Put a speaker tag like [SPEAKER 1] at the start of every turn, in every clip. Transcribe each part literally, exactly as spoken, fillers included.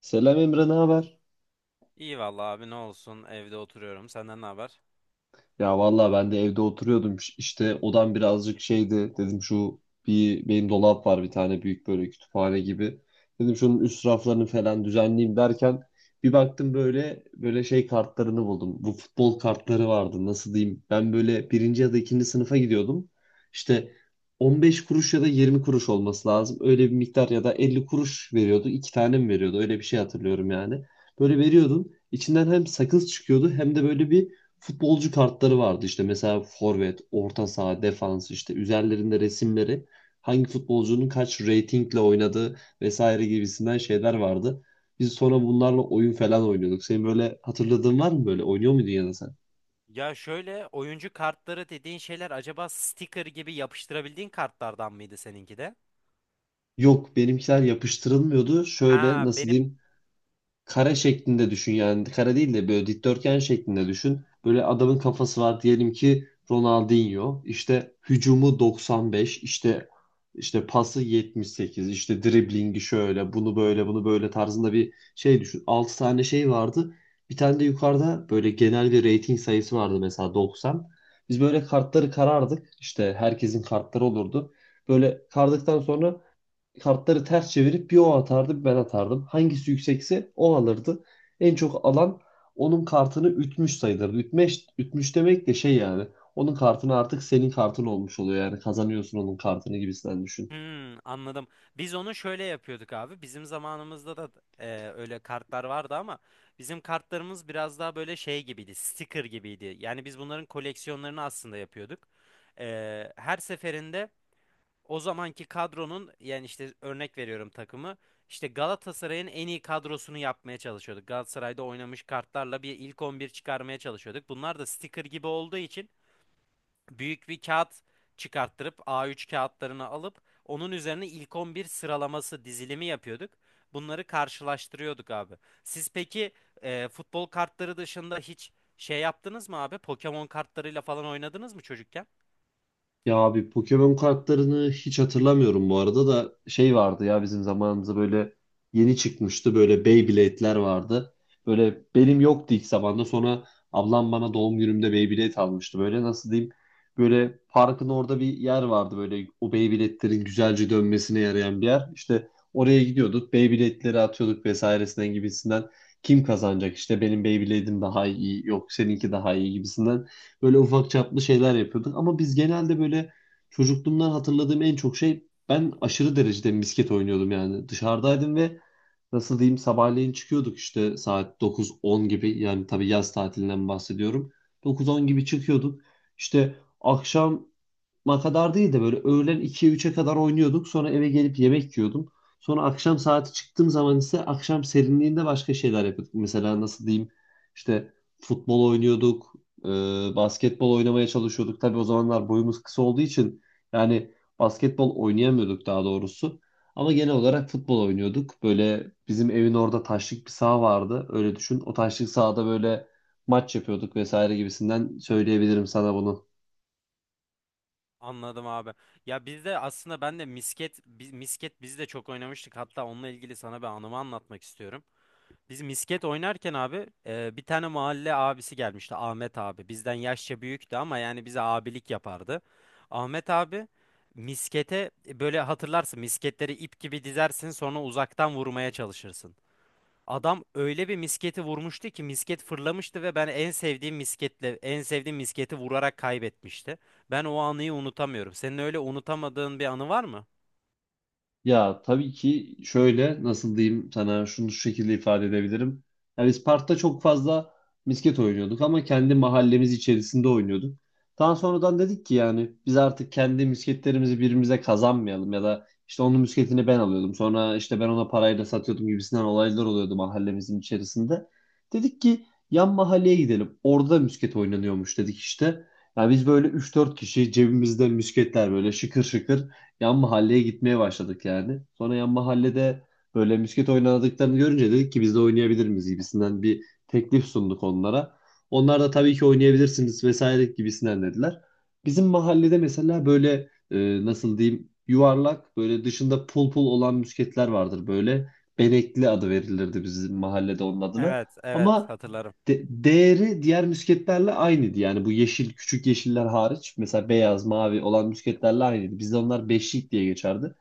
[SPEAKER 1] Selam Emre, ne haber?
[SPEAKER 2] İyi vallahi abi ne olsun evde oturuyorum. Senden ne haber?
[SPEAKER 1] Ya vallahi ben de evde oturuyordum. Ş- İşte odam birazcık şeydi. Dedim şu bir benim dolap var bir tane büyük böyle kütüphane gibi. Dedim şunun üst raflarını falan düzenleyeyim derken bir baktım böyle böyle şey kartlarını buldum. Bu futbol kartları vardı. Nasıl diyeyim? Ben böyle birinci ya da ikinci sınıfa gidiyordum. İşte on beş kuruş ya da yirmi kuruş olması lazım. Öyle bir miktar ya da elli kuruş veriyordu. İki tane mi veriyordu? Öyle bir şey hatırlıyorum yani. Böyle veriyordun. İçinden hem sakız çıkıyordu hem de böyle bir futbolcu kartları vardı işte mesela forvet, orta saha, defans işte üzerlerinde resimleri hangi futbolcunun kaç ratingle oynadığı vesaire gibisinden şeyler vardı. Biz sonra bunlarla oyun falan oynuyorduk. Senin böyle hatırladığın var mı böyle? Oynuyor muydun ya da sen?
[SPEAKER 2] Ya şöyle oyuncu kartları dediğin şeyler acaba sticker gibi yapıştırabildiğin kartlardan mıydı seninki de?
[SPEAKER 1] Yok benimkiler yapıştırılmıyordu. Şöyle
[SPEAKER 2] Ha
[SPEAKER 1] nasıl
[SPEAKER 2] benim.
[SPEAKER 1] diyeyim? Kare şeklinde düşün yani kare değil de böyle dikdörtgen şeklinde düşün. Böyle adamın kafası var diyelim ki Ronaldinho işte hücumu doksan beş işte işte pası yetmiş sekiz işte driblingi şöyle bunu böyle bunu böyle tarzında bir şey düşün. Altı tane şey vardı. Bir tane de yukarıda böyle genel bir rating sayısı vardı mesela doksan. Biz böyle kartları karardık. İşte herkesin kartları olurdu. Böyle kardıktan sonra kartları ters çevirip bir o atardı bir ben atardım. Hangisi yüksekse o alırdı. En çok alan onun kartını ütmüş sayılırdı. Ütmüş, ütmüş demek de şey yani. Onun kartını artık senin kartın olmuş oluyor yani kazanıyorsun onun kartını gibisinden düşün.
[SPEAKER 2] Hmm, anladım. Biz onu şöyle yapıyorduk abi. Bizim zamanımızda da e, öyle kartlar vardı ama bizim kartlarımız biraz daha böyle şey gibiydi, sticker gibiydi. Yani biz bunların koleksiyonlarını aslında yapıyorduk. E, her seferinde o zamanki kadronun yani işte örnek veriyorum takımı işte Galatasaray'ın en iyi kadrosunu yapmaya çalışıyorduk. Galatasaray'da oynamış kartlarla bir ilk on bir çıkarmaya çalışıyorduk. Bunlar da sticker gibi olduğu için büyük bir kağıt çıkarttırıp A üç kağıtlarını alıp onun üzerine ilk on bir sıralaması dizilimi yapıyorduk. Bunları karşılaştırıyorduk abi. Siz peki e, futbol kartları dışında hiç şey yaptınız mı abi? Pokemon kartlarıyla falan oynadınız mı çocukken?
[SPEAKER 1] Ya abi Pokemon kartlarını hiç hatırlamıyorum, bu arada da şey vardı ya bizim zamanımızda böyle yeni çıkmıştı, böyle Beyblade'ler vardı. Böyle benim yoktu ilk zamanda, sonra ablam bana doğum günümde Beyblade almıştı. Böyle nasıl diyeyim, böyle parkın orada bir yer vardı böyle, o Beyblade'lerin güzelce dönmesine yarayan bir yer. İşte oraya gidiyorduk, Beyblade'leri atıyorduk vesairesinden gibisinden kim kazanacak işte, benim Beyblade'im daha iyi, yok seninki daha iyi gibisinden. Böyle ufak çaplı şeyler yapıyorduk. Ama biz genelde böyle, çocukluğumdan hatırladığım en çok şey ben aşırı derecede misket oynuyordum yani. Dışarıdaydım ve nasıl diyeyim sabahleyin çıkıyorduk işte saat dokuz on gibi, yani tabii yaz tatilinden bahsediyorum. dokuz on gibi çıkıyorduk. İşte akşam Ma kadar değil de böyle öğlen ikiye üçe kadar oynuyorduk. Sonra eve gelip yemek yiyordum. Sonra akşam saati çıktığım zaman ise akşam serinliğinde başka şeyler yapıyorduk. Mesela nasıl diyeyim işte futbol oynuyorduk, e, basketbol oynamaya çalışıyorduk. Tabii o zamanlar boyumuz kısa olduğu için yani basketbol oynayamıyorduk daha doğrusu. Ama genel olarak futbol oynuyorduk. Böyle bizim evin orada taşlık bir saha vardı. Öyle düşün. O taşlık sahada böyle maç yapıyorduk vesaire gibisinden söyleyebilirim sana bunu.
[SPEAKER 2] Anladım abi. Ya biz de aslında ben de misket biz, misket biz de çok oynamıştık. Hatta onunla ilgili sana bir anımı anlatmak istiyorum. Biz misket oynarken abi e, bir tane mahalle abisi gelmişti, Ahmet abi. Bizden yaşça büyüktü ama yani bize abilik yapardı. Ahmet abi miskete, e, böyle hatırlarsın, misketleri ip gibi dizersin sonra uzaktan vurmaya çalışırsın. Adam öyle bir misketi vurmuştu ki misket fırlamıştı ve ben en sevdiğim misketle en sevdiğim misketi vurarak kaybetmişti. Ben o anıyı unutamıyorum. Senin öyle unutamadığın bir anı var mı?
[SPEAKER 1] Ya tabii ki şöyle nasıl diyeyim sana şunu, şu şekilde ifade edebilirim. Yani biz parkta çok fazla misket oynuyorduk ama kendi mahallemiz içerisinde oynuyorduk. Daha sonradan dedik ki yani biz artık kendi misketlerimizi birbirimize kazanmayalım ya da işte onun misketini ben alıyordum. Sonra işte ben ona parayla satıyordum gibisinden olaylar oluyordu mahallemizin içerisinde. Dedik ki yan mahalleye gidelim. Orada misket oynanıyormuş dedik işte. Ya biz böyle üç dört kişi cebimizde misketler böyle şıkır şıkır yan mahalleye gitmeye başladık yani. Sonra yan mahallede böyle misket oynadıklarını görünce dedik ki biz de oynayabilir miyiz gibisinden bir teklif sunduk onlara. Onlar da tabii ki oynayabilirsiniz vesaire gibisinden dediler. Bizim mahallede mesela böyle e, nasıl diyeyim yuvarlak böyle dışında pul pul olan misketler vardır böyle. Benekli adı verilirdi bizim mahallede onun adına.
[SPEAKER 2] Evet, evet,
[SPEAKER 1] Ama
[SPEAKER 2] hatırlarım.
[SPEAKER 1] de- değeri diğer müsketlerle aynıydı. Yani bu yeşil, küçük yeşiller hariç mesela beyaz, mavi olan müsketlerle aynıydı. Bizde onlar beşlik diye geçerdi.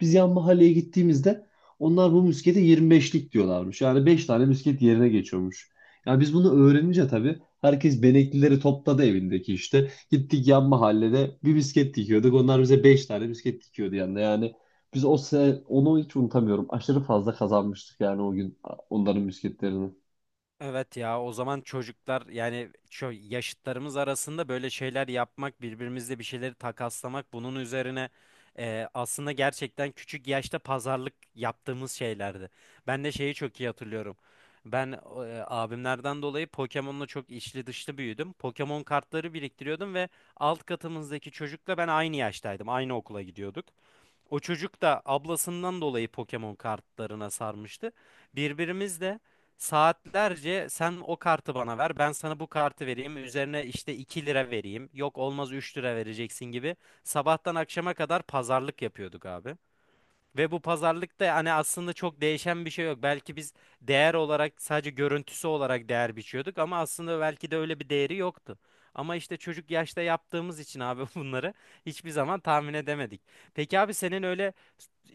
[SPEAKER 1] Biz yan mahalleye gittiğimizde onlar bu müskete yirmi beşlik diyorlarmış. Yani beş tane müsket yerine geçiyormuş. Yani biz bunu öğrenince tabii herkes beneklileri topladı evindeki işte. Gittik yan mahallede bir misket dikiyorduk. Onlar bize beş tane misket dikiyordu yanında. Yani biz o se- onu hiç unutamıyorum. Aşırı fazla kazanmıştık yani o gün onların misketlerini.
[SPEAKER 2] Evet, ya o zaman çocuklar yani şu yaşıtlarımız arasında böyle şeyler yapmak, birbirimizle bir şeyleri takaslamak, bunun üzerine e, aslında gerçekten küçük yaşta pazarlık yaptığımız şeylerdi. Ben de şeyi çok iyi hatırlıyorum. Ben e, abimlerden dolayı Pokemon'la çok içli dışlı büyüdüm. Pokemon kartları biriktiriyordum ve alt katımızdaki çocukla ben aynı yaştaydım. Aynı okula gidiyorduk. O çocuk da ablasından dolayı Pokemon kartlarına sarmıştı. Birbirimizle saatlerce sen o kartı bana ver, ben sana bu kartı vereyim, üzerine işte iki lira vereyim, yok olmaz üç lira vereceksin gibi sabahtan akşama kadar pazarlık yapıyorduk abi. Ve bu pazarlıkta hani aslında çok değişen bir şey yok. Belki biz değer olarak, sadece görüntüsü olarak değer biçiyorduk ama aslında belki de öyle bir değeri yoktu. Ama işte çocuk yaşta yaptığımız için abi bunları hiçbir zaman tahmin edemedik. Peki abi, senin öyle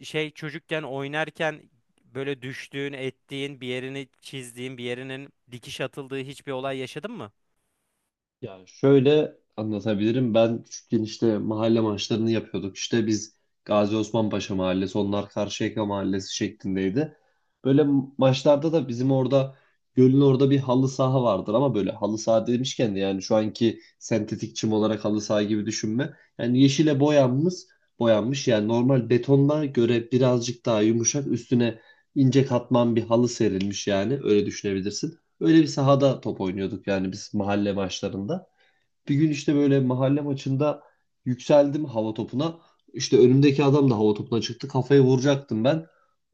[SPEAKER 2] şey çocukken oynarken böyle düştüğün, ettiğin, bir yerini çizdiğin, bir yerinin dikiş atıldığı hiçbir olay yaşadın mı?
[SPEAKER 1] Ya şöyle anlatabilirim. Ben küçükken işte mahalle maçlarını yapıyorduk. İşte biz Gazi Osman Paşa Mahallesi, onlar Karşıyaka Mahallesi şeklindeydi. Böyle maçlarda da bizim orada gölün orada bir halı saha vardır ama böyle halı saha demişken de yani şu anki sentetik çim olarak halı saha gibi düşünme. Yani yeşile boyanmış, boyanmış yani normal betondan göre birazcık daha yumuşak üstüne ince katman bir halı serilmiş yani öyle düşünebilirsin. Öyle bir sahada top oynuyorduk yani biz mahalle maçlarında. Bir gün işte böyle mahalle maçında yükseldim hava topuna. İşte önümdeki adam da hava topuna çıktı. Kafayı vuracaktım ben.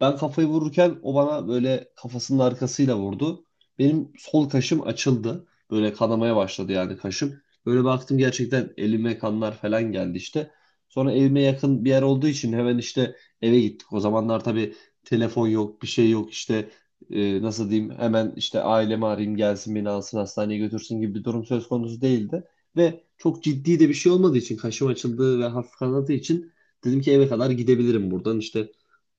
[SPEAKER 1] Ben kafayı vururken o bana böyle kafasının arkasıyla vurdu. Benim sol kaşım açıldı. Böyle kanamaya başladı yani kaşım. Böyle baktım gerçekten elime kanlar falan geldi işte. Sonra evime yakın bir yer olduğu için hemen işte eve gittik. O zamanlar tabii telefon yok, bir şey yok işte e, nasıl diyeyim hemen işte ailemi arayayım gelsin beni alsın hastaneye götürsün gibi bir durum söz konusu değildi. Ve çok ciddi de bir şey olmadığı için kaşım açıldı ve hafif kanadığı için dedim ki eve kadar gidebilirim buradan. İşte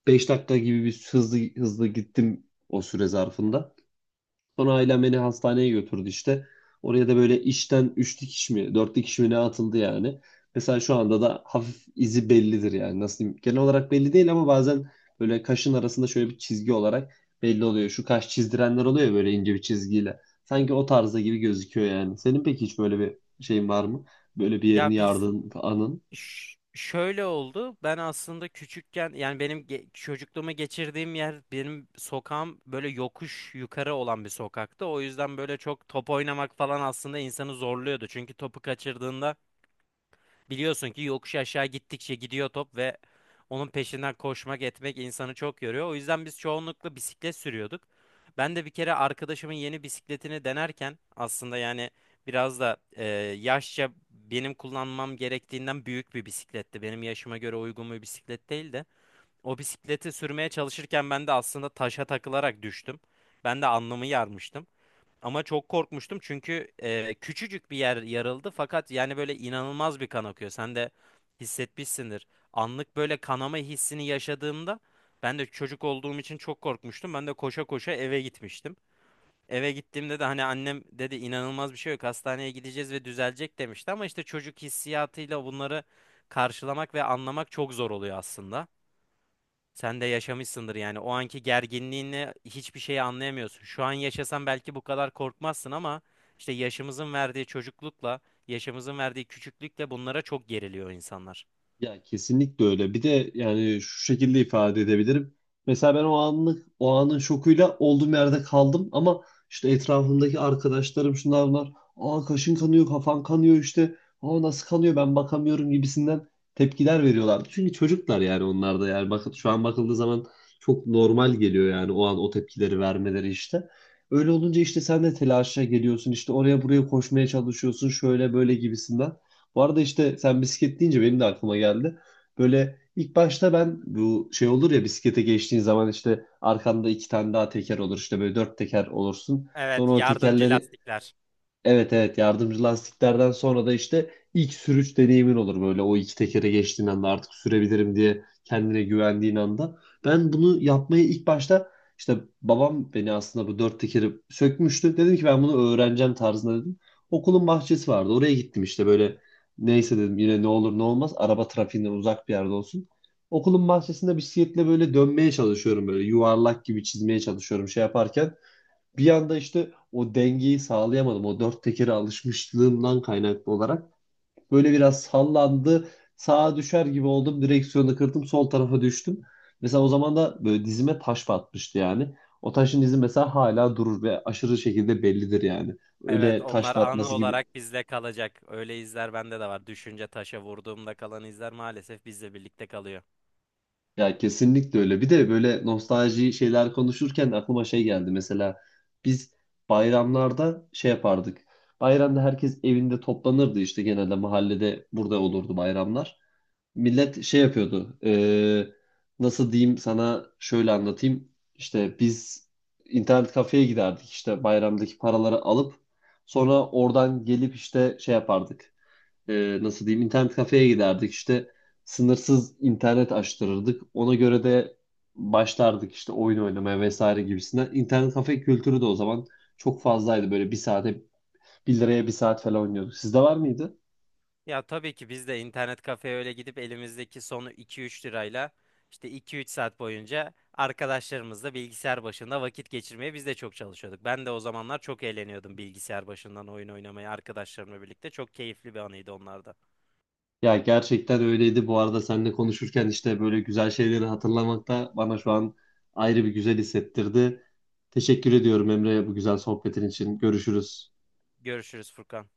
[SPEAKER 1] beş dakika gibi bir hızlı hızlı gittim o süre zarfında. Sonra ailem beni hastaneye götürdü işte. Oraya da böyle işten üç dikiş mi, dört dikiş mi ne atıldı yani. Mesela şu anda da hafif izi bellidir yani. Nasıl diyeyim? Genel olarak belli değil ama bazen böyle kaşın arasında şöyle bir çizgi olarak belli oluyor. Şu kaş çizdirenler oluyor ya böyle ince bir çizgiyle. Sanki o tarzda gibi gözüküyor yani. Senin peki hiç böyle bir şeyin var mı? Böyle bir yerini
[SPEAKER 2] Ya biz
[SPEAKER 1] yardığın anın.
[SPEAKER 2] Ş- şöyle oldu. Ben aslında küçükken, yani benim ge- çocukluğumu geçirdiğim yer, benim sokağım böyle yokuş yukarı olan bir sokaktı. O yüzden böyle çok top oynamak falan aslında insanı zorluyordu. Çünkü topu kaçırdığında biliyorsun ki yokuş aşağı gittikçe gidiyor top ve onun peşinden koşmak etmek insanı çok yoruyor. O yüzden biz çoğunlukla bisiklet sürüyorduk. Ben de bir kere arkadaşımın yeni bisikletini denerken, aslında yani biraz da e, yaşça benim kullanmam gerektiğinden büyük bir bisikletti. Benim yaşıma göre uygun bir bisiklet değil de o bisikleti sürmeye çalışırken ben de aslında taşa takılarak düştüm. Ben de alnımı yarmıştım. Ama çok korkmuştum çünkü e, küçücük bir yer yarıldı fakat yani böyle inanılmaz bir kan akıyor. Sen de hissetmişsindir. Anlık böyle kanama hissini yaşadığımda ben de çocuk olduğum için çok korkmuştum. Ben de koşa koşa eve gitmiştim. Eve gittiğimde de hani annem dedi inanılmaz bir şey yok, hastaneye gideceğiz ve düzelecek demişti. Ama işte çocuk hissiyatıyla bunları karşılamak ve anlamak çok zor oluyor aslında. Sen de yaşamışsındır yani, o anki gerginliğini, hiçbir şeyi anlayamıyorsun. Şu an yaşasan belki bu kadar korkmazsın ama işte yaşımızın verdiği çocuklukla, yaşımızın verdiği küçüklükle bunlara çok geriliyor insanlar.
[SPEAKER 1] Ya kesinlikle öyle. Bir de yani şu şekilde ifade edebilirim. Mesela ben o anlık o anın şokuyla olduğum yerde kaldım ama işte etrafımdaki arkadaşlarım şunlar bunlar. Aa kaşın kanıyor, kafan kanıyor işte. Aa nasıl kanıyor, ben bakamıyorum gibisinden tepkiler veriyorlardı. Çünkü çocuklar yani, onlar da yani bakın şu an bakıldığı zaman çok normal geliyor yani o an o tepkileri vermeleri işte. Öyle olunca işte sen de telaşa geliyorsun işte oraya buraya koşmaya çalışıyorsun şöyle böyle gibisinden. Bu arada işte sen bisiklet deyince benim de aklıma geldi. Böyle ilk başta ben bu şey olur ya bisiklete geçtiğin zaman işte arkanda iki tane daha teker olur. işte böyle dört teker olursun.
[SPEAKER 2] Evet,
[SPEAKER 1] Sonra o
[SPEAKER 2] yardımcı
[SPEAKER 1] tekerleri.
[SPEAKER 2] lastikler.
[SPEAKER 1] Evet, evet, yardımcı lastiklerden sonra da işte ilk sürüş deneyimin olur böyle o iki tekere geçtiğin anda artık sürebilirim diye kendine güvendiğin anda. Ben bunu yapmayı ilk başta işte, babam beni aslında bu dört tekeri sökmüştü. Dedim ki ben bunu öğreneceğim tarzında dedim. Okulun bahçesi vardı oraya gittim işte böyle neyse dedim yine ne olur ne olmaz araba trafiğinden uzak bir yerde olsun. Okulun bahçesinde bisikletle böyle dönmeye çalışıyorum böyle yuvarlak gibi çizmeye çalışıyorum şey yaparken bir yanda işte o dengeyi sağlayamadım. O dört tekere alışmışlığımdan kaynaklı olarak böyle biraz sallandı. Sağa düşer gibi oldum. Direksiyonu kırdım. Sol tarafa düştüm. Mesela o zaman da böyle dizime taş batmıştı yani. O taşın izi mesela hala durur ve aşırı şekilde bellidir yani.
[SPEAKER 2] Evet,
[SPEAKER 1] Öyle taş
[SPEAKER 2] onlar anı
[SPEAKER 1] batması gibi.
[SPEAKER 2] olarak bizle kalacak. Öyle izler bende de var. Düşünce taşa vurduğumda kalan izler maalesef bizle birlikte kalıyor.
[SPEAKER 1] Ya kesinlikle öyle. Bir de böyle nostalji şeyler konuşurken aklıma şey geldi. Mesela biz bayramlarda şey yapardık. Bayramda herkes evinde toplanırdı işte genelde mahallede burada olurdu bayramlar. Millet şey yapıyordu. Eee, nasıl diyeyim sana, şöyle anlatayım. İşte biz internet kafeye giderdik işte bayramdaki paraları alıp sonra oradan gelip işte şey yapardık, e, nasıl diyeyim internet kafeye giderdik işte sınırsız internet açtırırdık. Ona göre de başlardık işte oyun oynamaya vesaire gibisinden. İnternet kafe kültürü de o zaman çok fazlaydı, böyle bir saate bir liraya bir saat falan oynuyorduk. Sizde var mıydı?
[SPEAKER 2] Ya tabii ki biz de internet kafeye öyle gidip elimizdeki sonu iki üç lirayla işte iki üç saat boyunca arkadaşlarımızla bilgisayar başında vakit geçirmeye biz de çok çalışıyorduk. Ben de o zamanlar çok eğleniyordum bilgisayar başından oyun oynamaya arkadaşlarımla birlikte. Çok keyifli bir anıydı onlarda.
[SPEAKER 1] Ya gerçekten öyleydi. Bu arada seninle konuşurken işte böyle güzel şeyleri hatırlamak da bana şu an ayrı bir güzel hissettirdi. Teşekkür ediyorum Emre bu güzel sohbetin için. Görüşürüz.
[SPEAKER 2] Görüşürüz Furkan.